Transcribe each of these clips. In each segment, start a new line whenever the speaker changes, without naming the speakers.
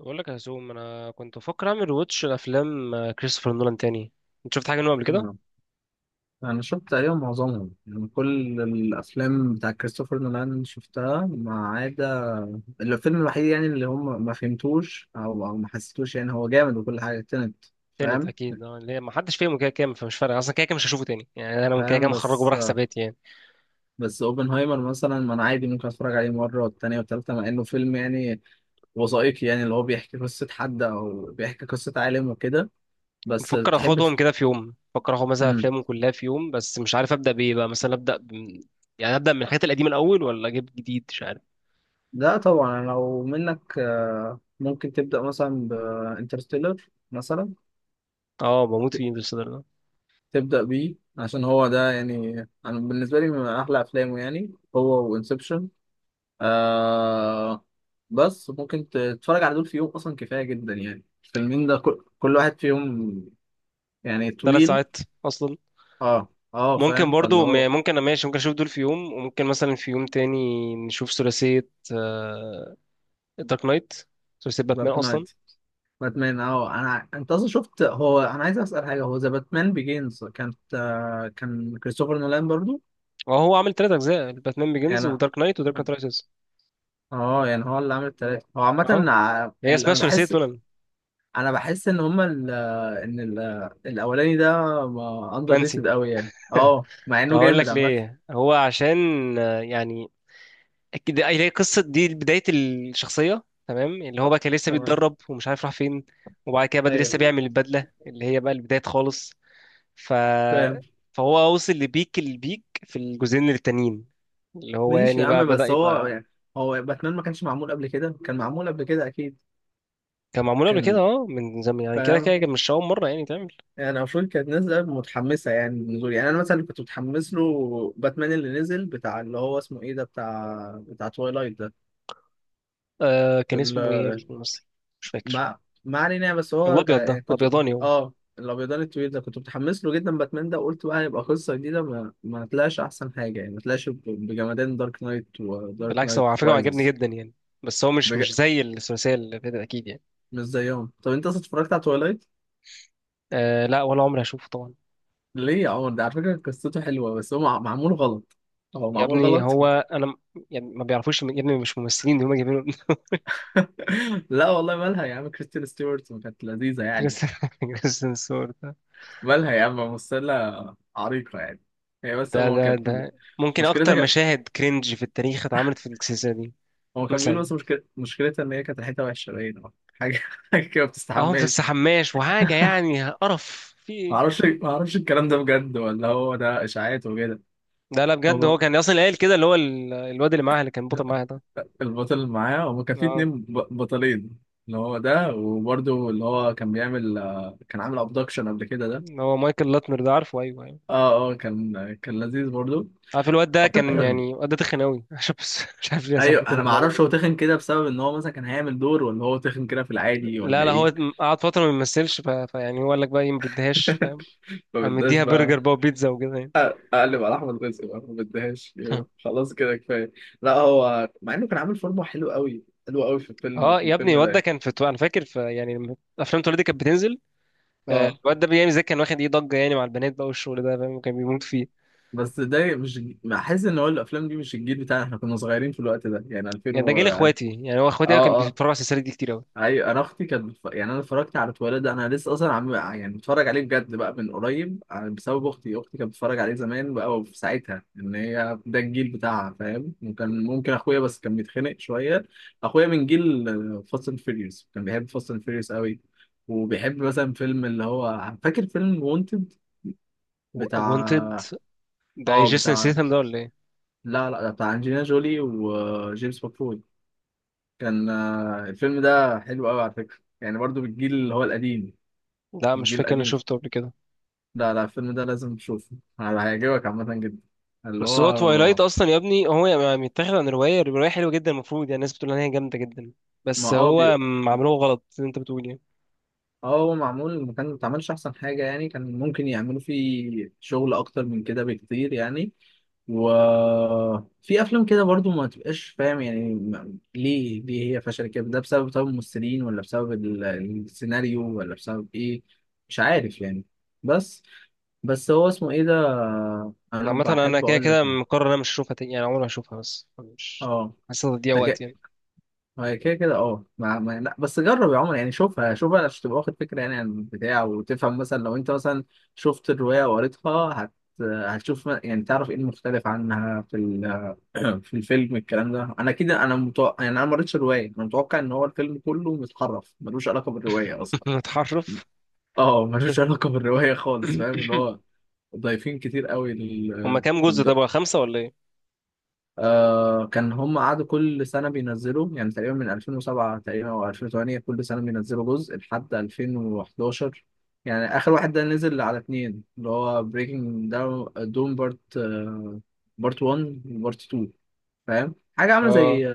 بقول لك يا هزوم، انا كنت بفكر اعمل ريواتش لافلام كريستوفر نولان تاني. انت شفت حاجه منه قبل كده؟
نعم. أنا شفت تقريبا معظمهم، يعني كل الأفلام بتاع كريستوفر نولان شفتها ما عدا الفيلم الوحيد، يعني اللي هم ما فهمتوش أو ما حسيتوش. يعني هو جامد وكل حاجة تنت
تنت
فاهم.
اكيد، اللي هي ما حدش فيهم كده كام، فمش فارق اصلا كده كام، مش هشوفه تاني يعني، انا كده
فاهم
كام هخرجه بره
بس
حساباتي يعني.
بس أوبنهايمر مثلا، ما أنا عادي ممكن أتفرج عليه مرة والتانية والتالتة، مع إنه فيلم يعني وثائقي، يعني اللي هو بيحكي قصة حد أو بيحكي قصة عالم وكده. بس
بفكر
تحب
اخدهم كده في يوم، بفكر اخد مثلا
مم.
افلامه كلها في يوم، بس مش عارف ابدا بايه بقى، مثلا يعني ابدا من الحاجات القديمه الاول ولا اجيب جديد، مش عارف.
لا طبعا لو منك ممكن تبدأ مثلا بانترستيلر مثلا.
اه بموت في انترستيلر ده.
تبدأ بيه عشان هو ده يعني. أنا بالنسبة لي من أحلى أفلامه، يعني هو وإنسبشن. آه، بس ممكن تتفرج على دول في يوم أصلا، كفاية جدا يعني الفيلمين ده كل واحد فيهم يعني
ثلاث
طويل.
ساعات اصلا.
اه
ممكن
فاهم، فاللي
برضو م-
هو
ممكن انا ماشي، ممكن اشوف دول في يوم وممكن مثلا في يوم تاني نشوف ثلاثيه دارك نايت، سلسله باتمان
دارك
اصلا.
نايت، باتمان. اه انا، انت اصلا شفت، هو انا عايز اسال حاجه، هو ذا باتمان بيجينز كانت كان كريستوفر نولان برضو
اه هو عامل ثلاث اجزاء: باتمان بيجنز،
يعني؟
ودارك نايت، ودارك نايت رايزز.
اه، يعني هو اللي عامل التلاته هو عامه
اه هي اسمها
انا
ثلاثيه
بحس،
نولان.
انا بحس ان هما ال ان ال الاولاني ده اندر
منسي.
ريتد قوي يعني، اه مع انه
هقول
جامد
لك
عامه.
ليه، هو عشان آه، يعني اكيد هي قصه دي بدايه الشخصيه، تمام، اللي هو بقى كان لسه
تمام.
بيتدرب ومش عارف راح فين، وبعد كده بدأ لسه
ايوه
بيعمل البدله اللي هي بقى البدايه خالص. ف
فاهم.
فهو وصل لبيك البيك في الجزئين التانيين، اللي هو
ماشي
يعني
يا
بقى
عم،
بدأ
بس هو
يبقى.
يعني هو باتمان ما كانش معمول قبل كده؟ كان معمول قبل كده اكيد
كان معمول قبل كده،
كان.
اه، من زمان يعني، كده كده
فاهم.
كان مش أول مرة يعني تعمل.
يعني المفروض كانت نازله متحمسه يعني للنزول، يعني انا مثلا كنت متحمس له. باتمان اللي نزل بتاع اللي هو اسمه ايه ده، بتاع بتاع توايلايت ده.
آه، كان
ال-
اسمه ايه الممثل؟ مش فاكر.
ما ما علينا يعني، بس هو ك...
الابيض ده،
يعني كنت
ابيضاني هو.
اه الابيضان الطويل ده، كنت متحمس له جدا باتمان ده، وقلت بقى هيبقى قصه جديده. ما طلعش احسن حاجه، يعني ما طلعش بجمدان دارك نايت ودارك
بالعكس هو
نايت
على فكره، هو عجبني
رايزز.
جدا يعني، بس هو مش
بج...
مش زي الثلاثيه اللي فاتت اكيد يعني.
مش زيهم. طب انت اصلا اتفرجت على تويلايت؟
آه لا، ولا عمري هشوفه طبعا.
ليه يا عمر؟ ده على فكره قصته حلوه، بس هو معمول غلط. هو
يا
معمول
ابني
غلط.
هو انا يعني ما بيعرفوش يا ابني مش ممثلين دي هم جايبينه.
لا والله مالها يا عم، كريستين ستيوارت ما كانت لذيذه يعني؟
كريستيان، كريستيان سور ده
مالها يا عم، ممثله عريقه يعني. هي بس
ده
هو
ده
كانت
ده ممكن اكتر
مشكلتها،
مشاهد كرنج في التاريخ اتعملت في السلسله دي.
هو كان بيقول
مثلا
بس مشكلتها إن هي كانت ريحتها وحشة، باينة حاجة حاجة كده ما
اهو في
بتستحماش.
السحماش وحاجه يعني، قرف في ايه؟
معرفش، معرفش الكلام ده بجد ولا هو ده إشاعات وكده؟
لا لا، بجد هو
هو
كان اصلا قايل كده، اللي هو الواد اللي معاها اللي كان بطل معاها ده.
البطل اللي معاه، هو كان في
آه.
اتنين بطلين. اللي هو ده، وبرده اللي هو كان بيعمل كان عامل ابدكشن قبل كده ده.
هو مايكل لاتنر ده، عارفه، ايوه ايوه.
اه كان، كان لذيذ برضه.
عارف الواد ده كان يعني، الواد ده تخن قوي، عشان بس مش عارف ليه يا صاحبي
ايوه انا
طلعت
ما
المعلومه
اعرفش، هو
دي.
تخن كده بسبب ان هو مثلا كان هيعمل دور، ولا هو تخن كده في العادي،
لا
ولا
لا، هو
ايه؟
قعد فتره ما بيمثلش، ف... فيعني هو قال لك بقى ايه، ما بديهاش، فاهم.
ما
قام
بدناش
مديها
بقى.
برجر بقى وبيتزا وكده يعني.
اقلب على احمد رزق بقى، ما بديهاش. خلاص كده كفايه. لا هو مع انه كان عامل فورمه حلو قوي، حلو قوي في الفيلم،
اه
في
يا ابني،
الفيلم ده
الواد ده
يعني.
كان في، انا فاكر في يعني لما افلام توليدي كانت بتنزل، آه،
اه،
الواد ده بيعمل زي، كان واخد ايه ضجه يعني مع البنات بقى والشغل ده، فاهم، كان بيموت فيه.
بس ده مش، بحس ان هو الافلام دي مش الجيل بتاعنا، احنا كنا صغيرين في الوقت ده يعني 2000
يعني ده
و
جيل
اه
اخواتي يعني، هو اخواتي كان
اه.
بيتفرجوا على السلسله دي كتير قوي.
ايوه انا اختي كانت بتف... يعني انا اتفرجت على التواليت ده، انا لسه اصلا عم... يعني بتفرج عليه بجد بقى من قريب بسبب اختي. اختي كانت بتتفرج عليه زمان بقى، وفي ساعتها ان هي ده الجيل بتاعها، فاهم؟ وكان ممكن اخويا، بس كان بيتخنق شويه. اخويا من جيل فاست اند فيريوس، كان بيحب فاست اند فيريوس قوي. وبيحب مثلا فيلم اللي هو، فاكر فيلم وونتد
وانتد
بتاع
ده
اه
جيسون
بتاع،
سيثم ده ولا ايه؟
لا لا بتاع انجلينا جولي وجيمس ماكفوي. كان الفيلم ده حلو قوي على فكره، يعني برضو بالجيل اللي هو القديم.
لا، مش
الجيل
فاكر، انا
القديم،
شفته قبل كده.
لا لا الفيلم ده لازم تشوفه، هيعجبك عامة جدا. اللي
بس هو توايلايت
هو
اصلا يا ابني، هو يعني متاخد عن روايه، الروايه حلوه جدا المفروض يعني، الناس بتقول ان هي جامده جدا،
ما
بس
اه بي...
هو عملوه غلط اللي انت بتقول يعني.
اه هو معمول، ما اتعملش احسن حاجة يعني. كان ممكن يعملوا فيه شغل اكتر من كده بكتير يعني. وفي افلام كده برضو ما تبقاش فاهم يعني ليه ليه هي فشلت كده؟ ده بسبب طب الممثلين، ولا بسبب السيناريو، ولا بسبب ايه؟ مش عارف يعني. بس بس هو اسمه ايه ده؟ انا
عامه انا
بحب
كده
اقول
كده
لك ايه،
مقرر إن انا مش هشوفها تاني يعني، عمري ما هشوفها، بس مش
اه.
حاسس، تضييع وقت يعني.
هي كده كده اه ما... ما... لا بس جرب يا عمر، يعني شوفها، شوفها عشان تبقى واخد فكره يعني عن البتاع، وتفهم مثلا لو انت مثلا شفت الروايه وقريتها، هت... هتشوف يعني تعرف ايه المختلف عنها في ال... في الفيلم. الكلام ده انا كده، انا متوقع، يعني انا ما قريتش الروايه، انا متوقع ان هو الفيلم كله متحرف، ملوش علاقه بالروايه اصلا.
متحرف.
اه ملوش علاقه بالروايه خالص، فاهم اللي هو ضايفين كتير قوي
هما
لل...
كام جزء؟ طب خمسه ولا ايه؟
آه كان، هم قعدوا كل سنة بينزلوا، يعني تقريبا من 2007 تقريبا أو 2008 كل سنة بينزلوا جزء لحد 2011. يعني آخر واحد ده نزل على اتنين، اللي هو بريكنج داون دوم بارت، بارت 1 وبارت 2. فاهم، حاجة عاملة
اه،
زي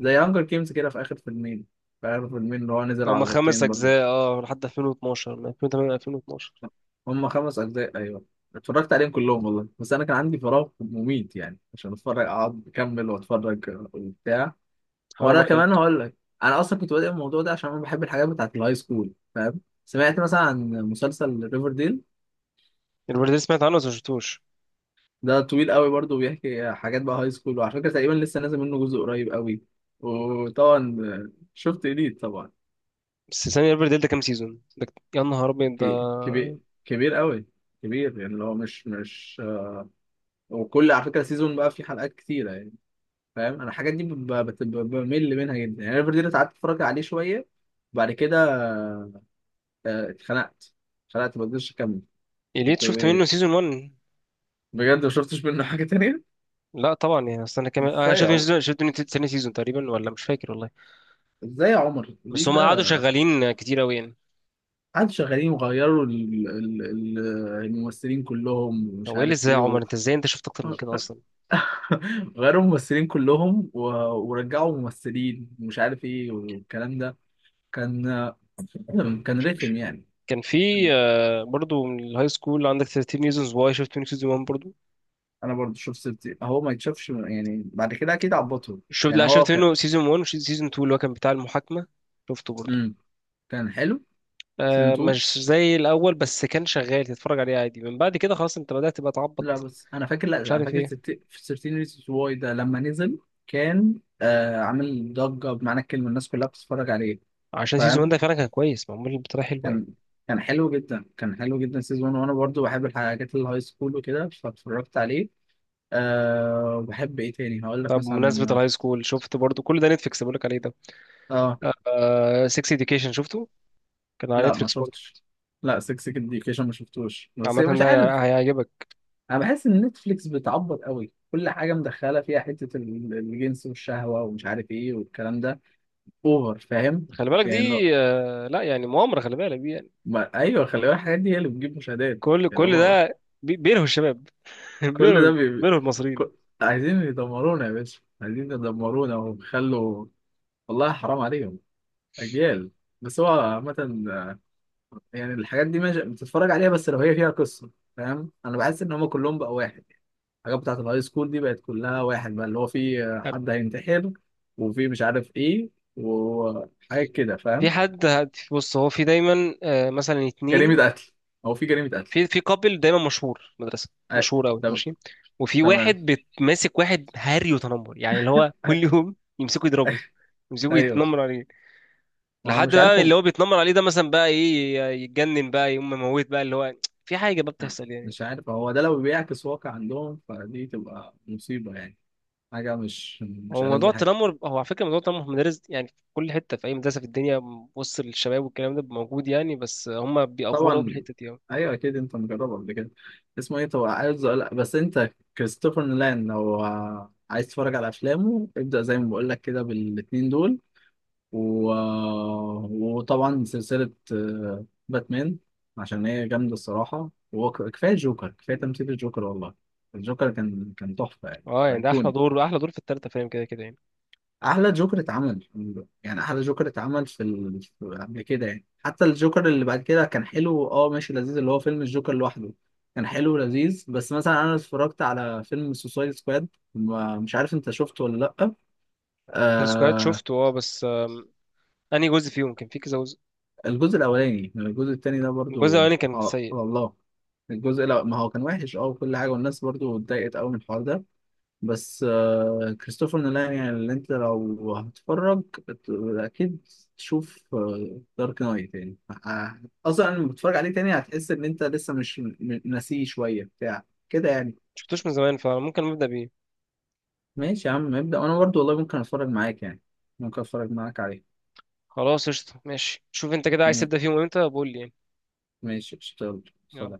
زي هانجر جيمز كده في آخر فيلمين، في آخر فيلمين اللي هو نزل على
هما خمس
بارتين برضه.
اجزاء، اه، لحد 2012، من 2008 ل 2012.
هم خمس أجزاء أيوه، اتفرجت عليهم كلهم والله، بس أنا كان عندي فراغ مميت يعني، عشان أتفرج أقعد أكمل وأتفرج وبتاع.
حرام
وانا
عليك.
كمان هقول لك، انا اصلا كنت بادئ الموضوع ده عشان انا بحب الحاجات بتاعت الهاي سكول، فاهم؟ سمعت مثلا عن مسلسل ريفر ديل،
الريفرديل سمعت عنه بس ما شفتوش.
ده طويل قوي برضه، بيحكي حاجات بقى هاي سكول، وعلى فكره تقريبا لسه نازل منه جزء قريب قوي. وطبعا شفت إليت طبعا.
بس ثانية، الريفرديل ده كام سيزون ده؟ يا نهار ابيض ده.
كبير، كبير قوي، كبير يعني اللي هو مش مش، وكل على فكره سيزون بقى فيه حلقات كتيره يعني. فاهم انا الحاجات دي بمل منها جدا يعني. ريفر ديل قعدت اتفرج عليه شويه، بعد كده اتخنقت، اتخنقت ما قدرتش اكمل.
إليت
كنت
شفت منه سيزون 1.
بجد ما شفتش منه حاجة تانية؟
لا طبعا يعني، استنى كمان، انا
ازاي يا
شفت
عمر؟
شفت من تاني سيزون تقريبا، ولا مش فاكر والله.
ازاي يا عمر؟
بس
الجديد
هم
ده
قعدوا شغالين كتير قوي يعني.
قعدوا شغالين، وغيروا الممثلين كلهم ومش
هو ايه اللي
عارف
ازاي يا
ايه
عمر؟
و...
انت ازاي انت شفت اكتر من كده اصلا؟
غيروا الممثلين كلهم و... ورجعوا ممثلين ومش عارف ايه والكلام ده. كان، كان رخم يعني.
كان في آه، برضو من الهاي سكول، عندك 13 ريزونز واي، شفت منه سيزون 1 برضو.
انا برضو شفت سيفتي، هو ما يتشافش يعني بعد كده، اكيد عبطهم.
شفت،
يعني
لا،
هو
شفت
كان
منه سيزون 1 وسيزون 2 اللي هو كان بتاع المحاكمة، شفته برضو.
امم، كان حلو سيزون
آه،
2.
مش زي الاول، بس كان شغال تتفرج عليه عادي، من بعد كده خلاص انت بدأت تبقى
لا
تعبط،
بس انا فاكر، لا
مش
انا
عارف
فاكر
ايه.
في 13 ريزونز واي ده لما نزل، كان آه عامل ضجه بمعنى الكلمه، الناس كلها بتتفرج عليه.
عشان سيزون 1
فاهم،
ده فعلا كان كويس، معمول بطريقة حلوة يعني.
كان، كان حلو جدا، كان حلو جدا سيزون واحد، وانا برضو بحب الحاجات الهاي سكول وكده، فاتفرجت عليه. آه، وبحب ايه تاني هقول لك
طب بمناسبة
مثلا،
الهاي سكول، شفت برضو كل ده نتفليكس بقولك عليه ده،
اه
آه، سكس اديوكيشن شفته؟ كان على
لا ما
نتفليكس برضه.
شفتش. لا 6 اديوكيشن ما شفتوش، بس
عامة
مش
ده
عارف،
هيعجبك.
انا بحس ان نتفليكس بتعبط قوي، كل حاجه مدخله فيها حته الجنس والشهوه ومش عارف ايه والكلام ده. اوفر فاهم؟
خلي بالك دي.
يعني لو
آه لا، يعني مؤامرة، خلي بالك دي يعني.
ما... ايوه خلي بالك الحاجات دي هي اللي بتجيب مشاهدات.
كل
يعني هما
ده بيلهوا الشباب.
كل
بيلهوا،
ده
بيلهوا المصريين.
ك... عايزين يدمرونا يا باشا، عايزين يدمرونا ويخلوا، والله حرام عليهم، اجيال. بس هو عامة، يعني الحاجات دي ماشي بتتفرج عليها، بس لو هي فيها قصة. فاهم انا بحس ان هما كلهم بقى واحد، الحاجات بتاعت الهاي سكول دي بقت كلها واحد بقى، اللي هو في حد هينتحر، وفي مش عارف ايه، وحاجات كده
في
فاهم.
حد بص، هو في دايما آه، مثلا اتنين،
جريمة قتل، او في جريمة قتل.
في في كابل دايما مشهور في مدرسة،
أي-
مشهور قوي
تم-
ماشي، وفي
تمام.
واحد ماسك واحد هري وتنمر يعني، اللي هو كل يوم يمسكوا يضربوا، يمسكوا
ايوه
يتنمر عليه.
ما هو
لحد
مش عارف
بقى
هم،
اللي هو بيتنمر عليه ده مثلا بقى ايه، يتجنن بقى، يقوم مموت بقى اللي هو، في حاجه بقى بتحصل يعني.
مش عارف هو ده لو بيعكس واقع عندهم، فدي تبقى مصيبة يعني، حاجة مش مش
هو موضوع
ألذ حاجة.
التنمر، هو على فكره موضوع التنمر في المدارس يعني في كل حته، في اي مدرسه في الدنيا وسط الشباب والكلام ده موجود يعني، بس هم بيأفوروا في
طبعا.
الحته دي أوي.
ايوه اكيد انت مجربه قبل كده. اسمه ايه، طبعا بس انت كريستوفر نولان لو عايز تتفرج على افلامه، ابدأ زي ما بقول لك كده بالاتنين دول. و... وطبعا سلسلة باتمان، عشان هي جامدة الصراحة. وكفاية جوكر، كفاية تمثيل الجوكر والله. الجوكر كان، كان تحفة يعني،
اه، يعني ده احلى
أيقوني.
دور، احلى دور في الثالثه فاهم، كده كده يعني.
احلى جوكر اتعمل، يعني احلى جوكر اتعمل في ال... قبل كده يعني. حتى الجوكر اللي بعد كده كان حلو، اه ماشي لذيذ، اللي هو فيلم الجوكر لوحده، كان حلو ولذيذ. بس مثلا انا اتفرجت على فيلم سوسايد سكواد، مش عارف انت شفته ولا لا.
السكواد
آه
شفته، اه، بس آم، انهي جزء فيهم؟ كان في كذا جزء.
الجزء الاولاني، الجزء التاني ده
الجزء
برضو
الاولاني كان
اه
سيء.
على الله. الجزء لا، ما هو كان وحش اه وكل حاجه، والناس برضو اتضايقت قوي من الحوار ده. بس كريستوفر نولان يعني، اللي انت لو هتتفرج اكيد تشوف دارك نايت يعني، آه، اصلا لما بتتفرج عليه تاني هتحس ان انت لسه مش ناسيه شويه بتاع كده يعني.
شفتوش من زمان، فممكن نبدا بيه.
ماشي يا عم ابدا، وانا برضو والله ممكن اتفرج معاك يعني، ممكن اتفرج معاك عليه.
خلاص قشطه ماشي، شوف انت كده عايز
ما-
تبدا فيهم امتى بقول لي
ماشي اشتغل
يعني